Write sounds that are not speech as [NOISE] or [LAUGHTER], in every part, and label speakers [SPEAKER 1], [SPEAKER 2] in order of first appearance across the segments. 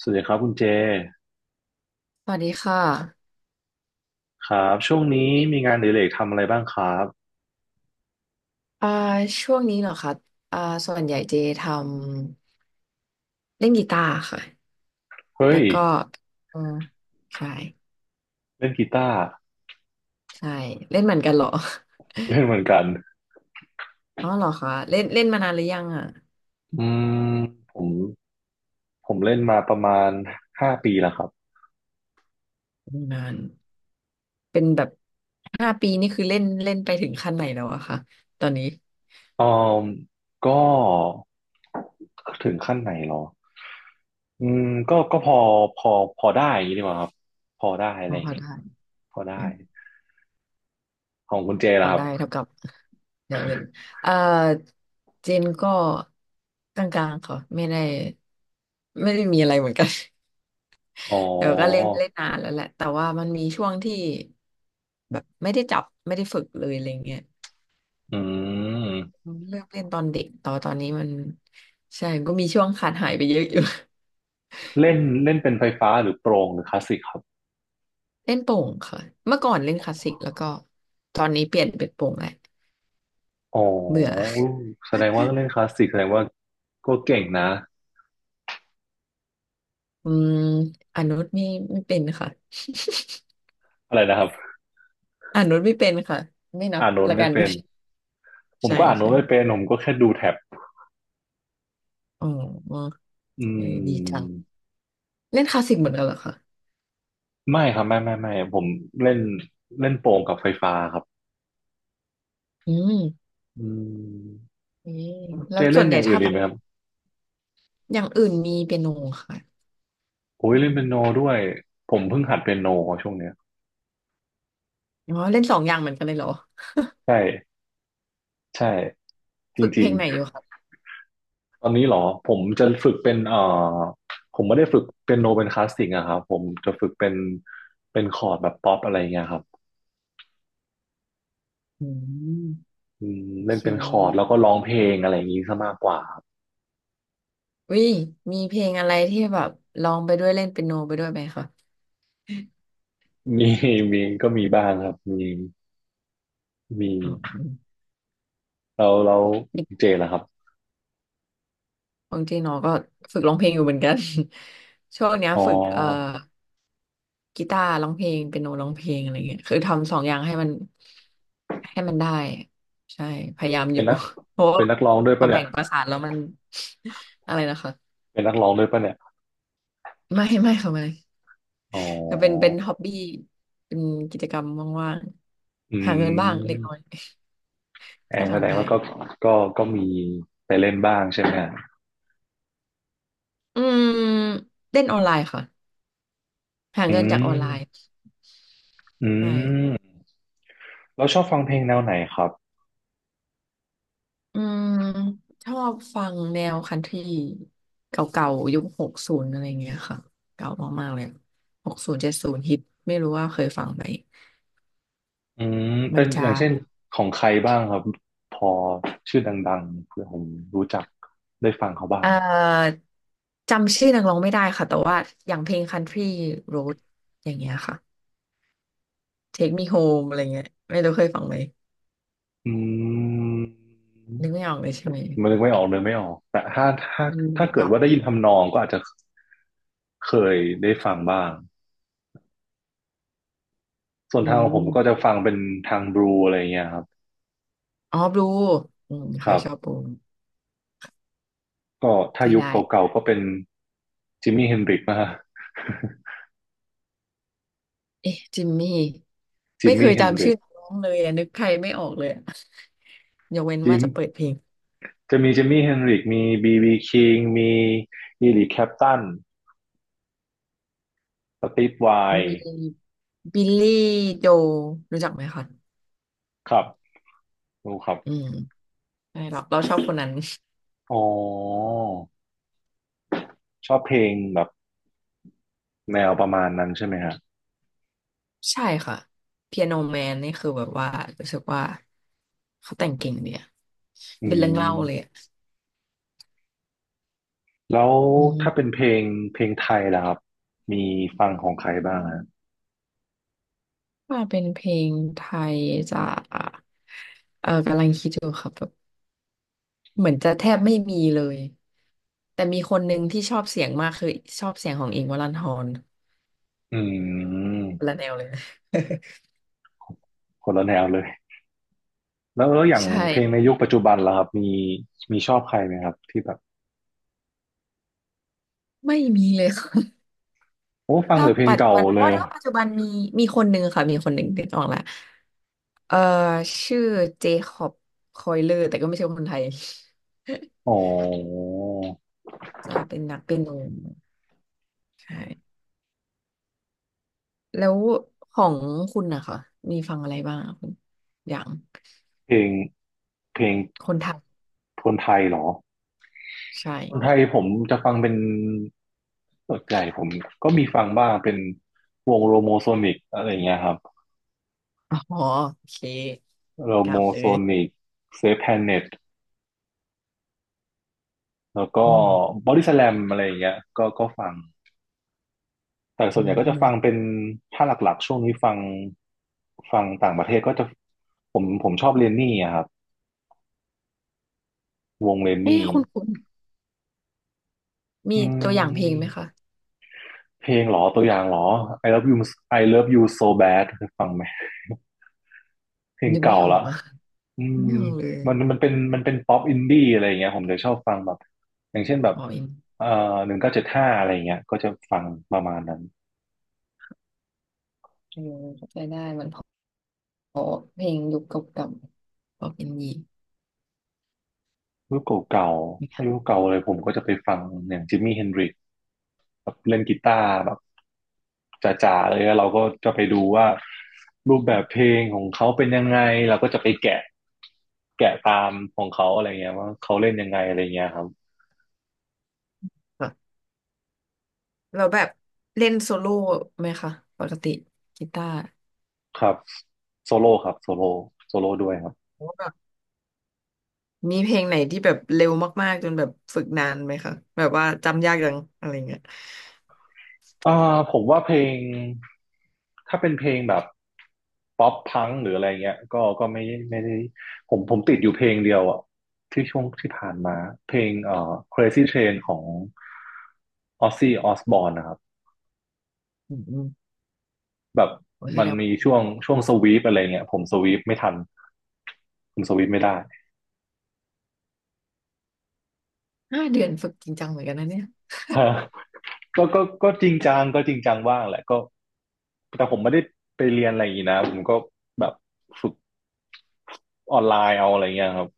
[SPEAKER 1] สวัสดีครับคุณเจ
[SPEAKER 2] สวัสดีค่ะ
[SPEAKER 1] ครับช่วงนี้มีงานอดิเรกทำอะไรบ้างครับ
[SPEAKER 2] อ่าช่วงนี้เหรอคะอ่าส่วนใหญ่เจทำเล่นกีตาร์ค่ะ
[SPEAKER 1] เฮ้
[SPEAKER 2] แล้
[SPEAKER 1] ย
[SPEAKER 2] วก็อืมใช่
[SPEAKER 1] เล่นกีตาร์
[SPEAKER 2] ใช่เล่นเหมือนกันเหรอ
[SPEAKER 1] เล่นเหมือนกัน
[SPEAKER 2] อ๋อเหรอคะเล่นเล่นมานานหรือยังอ่ะ
[SPEAKER 1] อืมผมผมเล่นมาประมาณ5 ปีแล้วครับ
[SPEAKER 2] นานเป็นแบบ5 ปีนี่คือเล่นเล่นไปถึงขั้นไหนแล้วอะคะตอนนี้
[SPEAKER 1] อืมก็ถึงขั้นไหนหรออืมก็พอพอได้อย่างนี้ดีกว่าครับพอได้อะ
[SPEAKER 2] อ๋
[SPEAKER 1] ไร
[SPEAKER 2] อ
[SPEAKER 1] อ
[SPEAKER 2] พ
[SPEAKER 1] ย่าง
[SPEAKER 2] อ
[SPEAKER 1] เงี้ย
[SPEAKER 2] ได้
[SPEAKER 1] พอได้ของคุณเจ
[SPEAKER 2] พ
[SPEAKER 1] ล่ะ
[SPEAKER 2] อ
[SPEAKER 1] ครับ
[SPEAKER 2] ได้เท่ากับเดี๋ยวเล่นเอ่อเจนก็กลางๆค่ะไม่ได้มีอะไรเหมือนกัน
[SPEAKER 1] อ๋อ
[SPEAKER 2] เดี๋ยวก็เล่นเล่นนานแล้วแหละแต่ว่ามันมีช่วงที่แบบไม่ได้จับไม่ได้ฝึกเลยอะไรเงี้ย
[SPEAKER 1] อืม
[SPEAKER 2] เลือกเล่นตอนเด็กต่อตอนนี้มันใช่ก็มีช่วงขาดหายไปเยอะอยู่ [LAUGHS]
[SPEAKER 1] เล่นเล่นเป็นไฟฟ้าหรือโปร่งหรือคลาสสิกครับ
[SPEAKER 2] เล่นโป่งค่ะเมื่อก่อนเล่นคลาสสิกแล้วก็ตอนนี้เปลี่ยนเป็นโป่งแหละ
[SPEAKER 1] อ๋อ
[SPEAKER 2] เบื่อ
[SPEAKER 1] แสดงว่าเล่นคลาสสิกแสดงว่าก็เก่งนะ
[SPEAKER 2] [LAUGHS] อืมอนุนไม่เป็นค่ะ
[SPEAKER 1] อะไรนะครับ
[SPEAKER 2] อนุนไม่เป็นค่ะไม่นับ
[SPEAKER 1] อ่านโน้ต
[SPEAKER 2] ละ
[SPEAKER 1] ไม่
[SPEAKER 2] กัน
[SPEAKER 1] เป็นผ
[SPEAKER 2] [LAUGHS]
[SPEAKER 1] ม
[SPEAKER 2] ใช่
[SPEAKER 1] ก็อ่านโน้ต
[SPEAKER 2] ใช่
[SPEAKER 1] ไม่เป็นผมก็แค่ดูแท็บ
[SPEAKER 2] อ๋อ
[SPEAKER 1] อื
[SPEAKER 2] เออดีจัง
[SPEAKER 1] ม
[SPEAKER 2] เล่นคลาสสิกเหมือนกันเหรอคะ
[SPEAKER 1] ไม่ครับไม่ไม่ไม่ผมเล่นเล่นโป่งกับไฟฟ้าครับ
[SPEAKER 2] อืม
[SPEAKER 1] อืม
[SPEAKER 2] อืมแล้
[SPEAKER 1] เจ
[SPEAKER 2] วส่
[SPEAKER 1] เล่
[SPEAKER 2] ว
[SPEAKER 1] น
[SPEAKER 2] นให
[SPEAKER 1] อ
[SPEAKER 2] ญ่
[SPEAKER 1] ย่างอื่
[SPEAKER 2] ถ้า
[SPEAKER 1] นดี
[SPEAKER 2] แบ
[SPEAKER 1] ไห
[SPEAKER 2] บ
[SPEAKER 1] มครับ
[SPEAKER 2] อย่างอื่นมีเปียโนค่ะ
[SPEAKER 1] โอ้
[SPEAKER 2] เ
[SPEAKER 1] ยเล่นเปียโน
[SPEAKER 2] ปี
[SPEAKER 1] ด้วยผมเพิ่งหัดเปียโนช่วงเนี้ย
[SPEAKER 2] อ๋อเล่นสองอย่างเหมือนกันเลยเหรอ
[SPEAKER 1] ใช่ใช่จ
[SPEAKER 2] ฝึกเพ
[SPEAKER 1] ริ
[SPEAKER 2] ล
[SPEAKER 1] ง
[SPEAKER 2] งไหนอยู่ครับ
[SPEAKER 1] ๆตอนนี้เหรอผมจะฝึกเป็นผมไม่ได้ฝึกเปียโนเป็นคลาสสิกอะครับผมจะฝึกเป็นคอร์ดแบบป๊อปอะไรเงี้ยครับ
[SPEAKER 2] อืม
[SPEAKER 1] อืม
[SPEAKER 2] โอ
[SPEAKER 1] เล่
[SPEAKER 2] เค
[SPEAKER 1] นเป็นคอร์ดแล้วก็ร้องเพลงอะไรอย่างนี้ซะมากกว่าครับ
[SPEAKER 2] วิมีเพลงอะไรที่แบบร้องไปด้วยเล่นเปียโนไปด้วยไหมคะ
[SPEAKER 1] มีก็มีบ้างครับมี
[SPEAKER 2] อ๋อ
[SPEAKER 1] เราเจนนะครับ
[SPEAKER 2] ของเจริงเนอก็ฝึกร้องเพลงอยู่เหมือนกัน [LAUGHS] ช่วงเนี้ย
[SPEAKER 1] อ๋
[SPEAKER 2] ฝึก
[SPEAKER 1] อ
[SPEAKER 2] กีตาร์ร้องเพลงเปียโนร้องเพลงอะไรเงี้ยคือทำสองอย่างให้มันให้มันได้ใช่พยายามอ
[SPEAKER 1] เป็น
[SPEAKER 2] ยู่
[SPEAKER 1] นัก
[SPEAKER 2] [LAUGHS] เพราะ
[SPEAKER 1] เป็
[SPEAKER 2] ว่า
[SPEAKER 1] นนักร้องด้วย
[SPEAKER 2] พอ
[SPEAKER 1] ปะเนี่
[SPEAKER 2] แบ่
[SPEAKER 1] ย
[SPEAKER 2] งประสานแล้วมัน [LAUGHS] อะไรนะคะ
[SPEAKER 1] เป็นนักร้องด้วยปะเนี่ย
[SPEAKER 2] ไม่ไม่ค่ะไม่
[SPEAKER 1] อ๋
[SPEAKER 2] ก็เป็น
[SPEAKER 1] อ
[SPEAKER 2] ฮ็อบบี้เป็นกิจกรรมว่าง
[SPEAKER 1] อื
[SPEAKER 2] ๆหาเงินบ้างเล็กน้อย
[SPEAKER 1] ม
[SPEAKER 2] [LAUGHS]
[SPEAKER 1] แอ
[SPEAKER 2] ถ้า
[SPEAKER 1] งแสด
[SPEAKER 2] ทำ
[SPEAKER 1] ง
[SPEAKER 2] ได้
[SPEAKER 1] ว่าก็ก็มีไปเล่นบ้างใช่ไหมฮะ
[SPEAKER 2] อืมเล่นออนไลน์ค่ะหา
[SPEAKER 1] อื
[SPEAKER 2] เงินจากออนไลน์
[SPEAKER 1] มอื
[SPEAKER 2] ใช่
[SPEAKER 1] มเราชอบฟังเพลงแนวไหนครับ
[SPEAKER 2] อืมชอบฟังแนวคันทรีเก่าๆยุคหกศูนย์อะไรเงี้ยค่ะเก่ามากๆเลย60 70ฮิตไม่รู้ว่าเคยฟังไหม
[SPEAKER 1] อืม
[SPEAKER 2] มั
[SPEAKER 1] เป็
[SPEAKER 2] น
[SPEAKER 1] นอ
[SPEAKER 2] จะ
[SPEAKER 1] ย่างเช่นของใครบ้างครับพอชื่อดังๆเพื่อผมรู้จักได้ฟังเขาบ้า
[SPEAKER 2] เอ่
[SPEAKER 1] ง
[SPEAKER 2] อจำชื่อนักร้องไม่ได้ค่ะแต่ว่าอย่างเพลง Country Road อย่างเงี้ยค่ะ Take Me Home อะไรเงี้ยไม่รู้เคยฟังไหม
[SPEAKER 1] อืม
[SPEAKER 2] นึกไม่ออกเลยใช่ไหม
[SPEAKER 1] มันนึกไม่ออกเลยไม่ออกแต่
[SPEAKER 2] มัน
[SPEAKER 1] ถ้าเกิด
[SPEAKER 2] เก่า
[SPEAKER 1] ว่าได้ยิ
[SPEAKER 2] มา
[SPEAKER 1] น
[SPEAKER 2] ก
[SPEAKER 1] ทำนองก็อาจจะเคยได้ฟังบ้างส่วน
[SPEAKER 2] อื
[SPEAKER 1] ทางของผมก็จะ
[SPEAKER 2] ม
[SPEAKER 1] ฟังเป็นทางบลูอะไรเงี้ยครับ
[SPEAKER 2] อ๋อบลูอืมเค
[SPEAKER 1] ครั
[SPEAKER 2] ยชอบ
[SPEAKER 1] บ
[SPEAKER 2] บลู
[SPEAKER 1] ก็ถ้า
[SPEAKER 2] ใช่
[SPEAKER 1] ยุค
[SPEAKER 2] ได้
[SPEAKER 1] เก่าๆก็เป็นจิมมี่เฮนริกนะฮะ
[SPEAKER 2] เอ๊ะจิมมี่
[SPEAKER 1] [LAUGHS] จิ
[SPEAKER 2] ไม่
[SPEAKER 1] ม
[SPEAKER 2] เค
[SPEAKER 1] มี่
[SPEAKER 2] ย
[SPEAKER 1] เฮน
[SPEAKER 2] จำ
[SPEAKER 1] ริ
[SPEAKER 2] ชื่
[SPEAKER 1] ก
[SPEAKER 2] อน้องเลยอะนึกใครไม่ออกเลยอะ [LAUGHS] ยกเว้น
[SPEAKER 1] จิ
[SPEAKER 2] ว่า
[SPEAKER 1] ม
[SPEAKER 2] จะเปิดเพลง
[SPEAKER 1] จะมีจิมมี่เฮนริกมีบีบีคิงมีอีริคแคปตันสตีฟไว
[SPEAKER 2] มี
[SPEAKER 1] น์
[SPEAKER 2] บิลลี่โจรู้จักไหมคะ
[SPEAKER 1] ครับรู้ครับ
[SPEAKER 2] อืมใช่เราชอบคนนั้น
[SPEAKER 1] อ๋อชอบเพลงแบบแนวประมาณนั้นใช่ไหมฮะ
[SPEAKER 2] ใช่ค่ะเปียโนแมนนี่คือแบบว่ารู้สึกว่าเขาแต่งเก่งดีอะ
[SPEAKER 1] อื
[SPEAKER 2] เป็นเรื่องเล่าเลย
[SPEAKER 1] ม
[SPEAKER 2] อะ
[SPEAKER 1] แล้ว
[SPEAKER 2] อื
[SPEAKER 1] ถ้า
[SPEAKER 2] ม
[SPEAKER 1] เป็นเพลงไทยล่ะครับมีฟังของใครบ้างฮะ
[SPEAKER 2] ว่าเป็นเพลงไทยจะเออกำลังคิดอยู่ครับแบบเหมือนจะแทบไม่มีเลยแต่มีคนหนึ่งที่ชอบเสียงมากคือชอบเสียงของอิงค์วรันธร
[SPEAKER 1] อืม
[SPEAKER 2] คนละแนวเลยนะ
[SPEAKER 1] คนละแนวเลยแล้วอย่า
[SPEAKER 2] [LAUGHS]
[SPEAKER 1] ง
[SPEAKER 2] ใ
[SPEAKER 1] เพลง
[SPEAKER 2] ช่
[SPEAKER 1] ในยุคปัจจุบันล่ะครับมีชอบใครไหมครับที่แบบ
[SPEAKER 2] ไม่มีเลย [LAUGHS] ค่ะ
[SPEAKER 1] โอ้ฟัง
[SPEAKER 2] ถ้า
[SPEAKER 1] แต่เพลง
[SPEAKER 2] ปัจจุ
[SPEAKER 1] เก่า
[SPEAKER 2] บัน
[SPEAKER 1] เล
[SPEAKER 2] โอ้
[SPEAKER 1] ย
[SPEAKER 2] ถ้าปัจจุบันมีคนหนึ่งค่ะมีคนหนึ่งนึกออกละเออชื่อเจคอบคอยเลอร์แต่ก็ไม่ใช่คนไทย [LAUGHS]
[SPEAKER 1] อ๋อ
[SPEAKER 2] จะเป็นนักเปียโนใช่แล้วของคุณนะคะมีฟังอะไรบ้างอะคุณอย่าง
[SPEAKER 1] เพลงเพลง
[SPEAKER 2] คนไทย
[SPEAKER 1] คนไทยเหรอ
[SPEAKER 2] ใช
[SPEAKER 1] คนไท
[SPEAKER 2] ่
[SPEAKER 1] ยผมจะฟังเป็นส่วนใหญ่ผมก็มีฟังบ้างเป็นวงโรโมโซนิกอะไรอย่างเงี้ยครับ
[SPEAKER 2] อ๋อโอเค
[SPEAKER 1] โร
[SPEAKER 2] ก
[SPEAKER 1] โม
[SPEAKER 2] ล่าวเล
[SPEAKER 1] โซ
[SPEAKER 2] ย
[SPEAKER 1] นิกเซฟแพนเน็ต แล้วก็
[SPEAKER 2] อืม
[SPEAKER 1] บอดี้สแลมอะไรอย่างเงี้ยก็ฟังแต่
[SPEAKER 2] อื
[SPEAKER 1] ส่วนใหญ่ก็จะฟัง
[SPEAKER 2] ม
[SPEAKER 1] เป็นถ้าหลักๆช่วงนี้ฟังต่างประเทศก็จะผมชอบเรนนี่อะครับวงเรน
[SPEAKER 2] เอ๊ะ
[SPEAKER 1] นี่
[SPEAKER 2] คุณมี
[SPEAKER 1] อื
[SPEAKER 2] ตัวอย่างเพลงไห
[SPEAKER 1] ม
[SPEAKER 2] มคะ
[SPEAKER 1] เพลงเหรอตัวอย่างเหรอ I love you I love you so bad เคยฟังไหมเพลง
[SPEAKER 2] นึก
[SPEAKER 1] เก่า
[SPEAKER 2] ไม่ออ
[SPEAKER 1] ละ
[SPEAKER 2] กอะ
[SPEAKER 1] อืม
[SPEAKER 2] ไม่ออกเลย
[SPEAKER 1] มันเป็นเป็นป๊อปอินดี้อะไรอย่างเงี้ยผมจะชอบฟังแบบอย่างเช่นแบบ
[SPEAKER 2] อ๋ออิน
[SPEAKER 1] เอ่อ1975อะไรอย่างเงี้ยก็จะฟังประมาณนั้น
[SPEAKER 2] เออเข้าใจได้มันอเพลงยุคเก่าๆพอเป็นยี
[SPEAKER 1] ยุคเก่าๆถ้ายุ
[SPEAKER 2] ค่ะ
[SPEAKER 1] คเก่าเลยผมก็จะไปฟังอย่างจิมมี่เฮนดริกแบบเล่นกีตาร์แบบจ๋าๆเลยแล้วเราก็จะไปดูว่ารูปแบบเพลงของเขาเป็นยังไงเราก็จะไปแกะแกะตามของเขาอะไรเงี้ยว่าเขาเล่นยังไงอะไรเงี้ยครับ
[SPEAKER 2] เราแบบเล่นโซโล่ไหมคะปกติกีตาร์
[SPEAKER 1] ครับโซโล่ครับโซโล่โซโล่ด้วยครับ
[SPEAKER 2] ว่าแบบมีเพลงไหนที่แบบเร็วมากๆจนแบบฝึกนานไหมคะแบบว่าจำยากจังอะไรเงี้ย
[SPEAKER 1] อ่าผมว่าเพลงถ้าเป็นเพลงแบบป๊อปพังหรืออะไรเงี้ยก็ไม่ไม่ได้ผมติดอยู่เพลงเดียวอ่ะที่ช่วงที่ผ่านมาเพลงCrazy Train ของออ z ซี่ออสบอรนนะครับ
[SPEAKER 2] อืมอืม
[SPEAKER 1] แบบ
[SPEAKER 2] โอ้ยแส
[SPEAKER 1] มั
[SPEAKER 2] ด
[SPEAKER 1] น
[SPEAKER 2] ง
[SPEAKER 1] มีช่วงสวีปอะไรเงี้ยผมสวีปไม่ทันผมสวีปไม่ได้
[SPEAKER 2] 5 เดือนฝึกจริงจังเหมือนกันนะเนี่ย
[SPEAKER 1] [LAUGHS] ฮะก็จริงจังก็จริงจังบ้างแหละก็แต่ผมไม่ได้ไปเรียนอะไรอย่างนี้นะผมก็แบบฝึกออนไลน์เอาอะไรเงี้ยครับ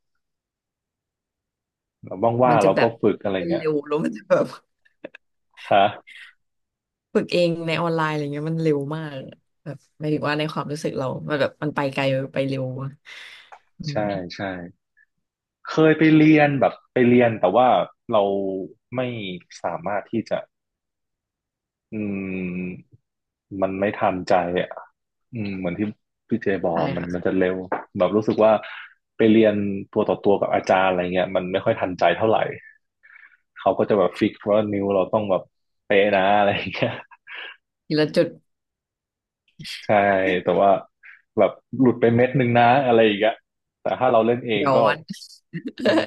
[SPEAKER 1] แล้วว่า
[SPEAKER 2] มั
[SPEAKER 1] ง
[SPEAKER 2] น
[SPEAKER 1] ๆ
[SPEAKER 2] จะ
[SPEAKER 1] เรา
[SPEAKER 2] แบ
[SPEAKER 1] ก็
[SPEAKER 2] บ
[SPEAKER 1] ฝึกอะไรเงี้ย
[SPEAKER 2] เร็วแล้วมันจะแบบ
[SPEAKER 1] ฮะ
[SPEAKER 2] ฝึกเองในออนไลน์อะไรเงี้ยมันเร็วมากอะแบบหมายถึงว่าในความรู้สึกเรา มันแบบมันไปไกลไปเร็วอะอื
[SPEAKER 1] ใช่
[SPEAKER 2] ม
[SPEAKER 1] ใช่เคยไปเรียนแบบไปเรียนแต่ว่าเราไม่สามารถที่จะอืมมันไม่ทันใจอ่ะอืมเหมือนที่พี่เจบอก
[SPEAKER 2] ใช่
[SPEAKER 1] มัน
[SPEAKER 2] ค่ะ
[SPEAKER 1] มันจะเร็วแบบรู้สึกว่าไปเรียนตัวต่อตัวกับอาจารย์อะไรเงี้ยมันไม่ค่อยทันใจเท่าไหร่เขาก็จะแบบฟิกว่านิ้วเราต้องแบบเป๊ะนะอะไรอย่างเงี้ย
[SPEAKER 2] ทีละจุด
[SPEAKER 1] [LAUGHS] ใช่แต่ว่าแบบหลุดไปเม็ดหนึ่งนะอะไรอย่างเงี้ยแต่ถ้าเราเล่นเอง
[SPEAKER 2] ย้อ
[SPEAKER 1] ก็
[SPEAKER 2] น
[SPEAKER 1] อืม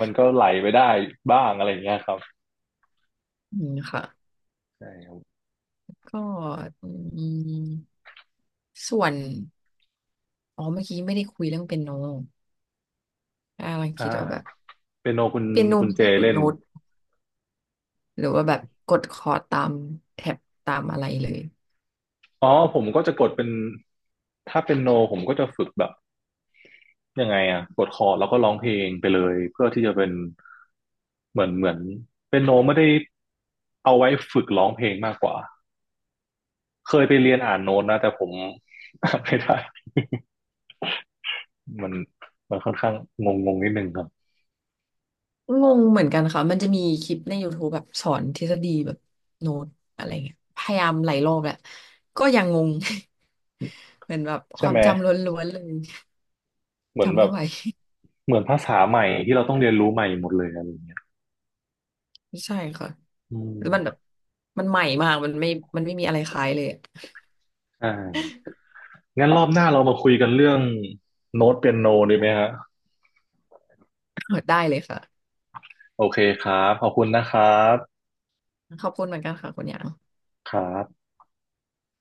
[SPEAKER 1] มันก็ไหลไปได้บ้างอะไรอย่างเงี้ยครับ
[SPEAKER 2] อืมค่ะ
[SPEAKER 1] ใช่ครับ
[SPEAKER 2] ก็อืมส่วนอ๋อเมื่อกี้ไม่ได้คุยเรื่องเปียโนอ่ากำลัง
[SPEAKER 1] อ่า
[SPEAKER 2] คิดว่าแบบ
[SPEAKER 1] เปียโนคุณ
[SPEAKER 2] เปียโน
[SPEAKER 1] คุณ
[SPEAKER 2] มัน
[SPEAKER 1] เจ
[SPEAKER 2] ได้ฝึก
[SPEAKER 1] เล่น
[SPEAKER 2] โน้ตหรือว่าแบบกดคอร์ดตามแท็บตามอะไรเลย
[SPEAKER 1] อ๋อผมก็จะกดเป็นถ้าเป็นโนผมก็จะฝึกแบบยังไงอะกดคอร์ดแล้วก็ร้องเพลงไปเลยเพื่อที่จะเป็นเหมือนเป็นโนไม่ได้เอาไว้ฝึกร้องเพลงมากกว่าเคยไปเรียนอ่านโน้ตนะแต่ผม [LAUGHS] ไม่ได้มันมันค่อนข้างงงงงนิดนึงครับ
[SPEAKER 2] งงเหมือนกันค่ะ มันจะมีคลิปใน YouTube แบบสอนทฤษฎีแบบโน้ตอะไรเงี้ยพยายามหลายรอบแหละก็ยังงง [LAUGHS] เหมือนแบบค
[SPEAKER 1] ใช่
[SPEAKER 2] วา
[SPEAKER 1] ไห
[SPEAKER 2] ม
[SPEAKER 1] ม
[SPEAKER 2] จำล้วนๆเลย
[SPEAKER 1] เหมือน
[SPEAKER 2] จำ
[SPEAKER 1] แบ
[SPEAKER 2] ไม่
[SPEAKER 1] บ
[SPEAKER 2] ไหว
[SPEAKER 1] เหมือนภาษาใหม่ที่เราต้องเรียนรู้ใหม่หมดเลยอะไรอย่างเงี้ย
[SPEAKER 2] [LAUGHS] ใช่ค่ะ
[SPEAKER 1] อื
[SPEAKER 2] แล้วมันแบบ
[SPEAKER 1] ม
[SPEAKER 2] มันใหม่มาก มันไม่มันไม่มีอะไรคล้ายเลยอะ
[SPEAKER 1] ใช่งั้นรอบหน้าเรามาคุยกันเรื่องโน้ตเปียโนดีไหมฮะ
[SPEAKER 2] [LAUGHS] ได้เลยค่ะ
[SPEAKER 1] โอเคครับขอบคุณนะครับ
[SPEAKER 2] ขอบคุณเหมือนกันค่ะคุณหยาง
[SPEAKER 1] ครับ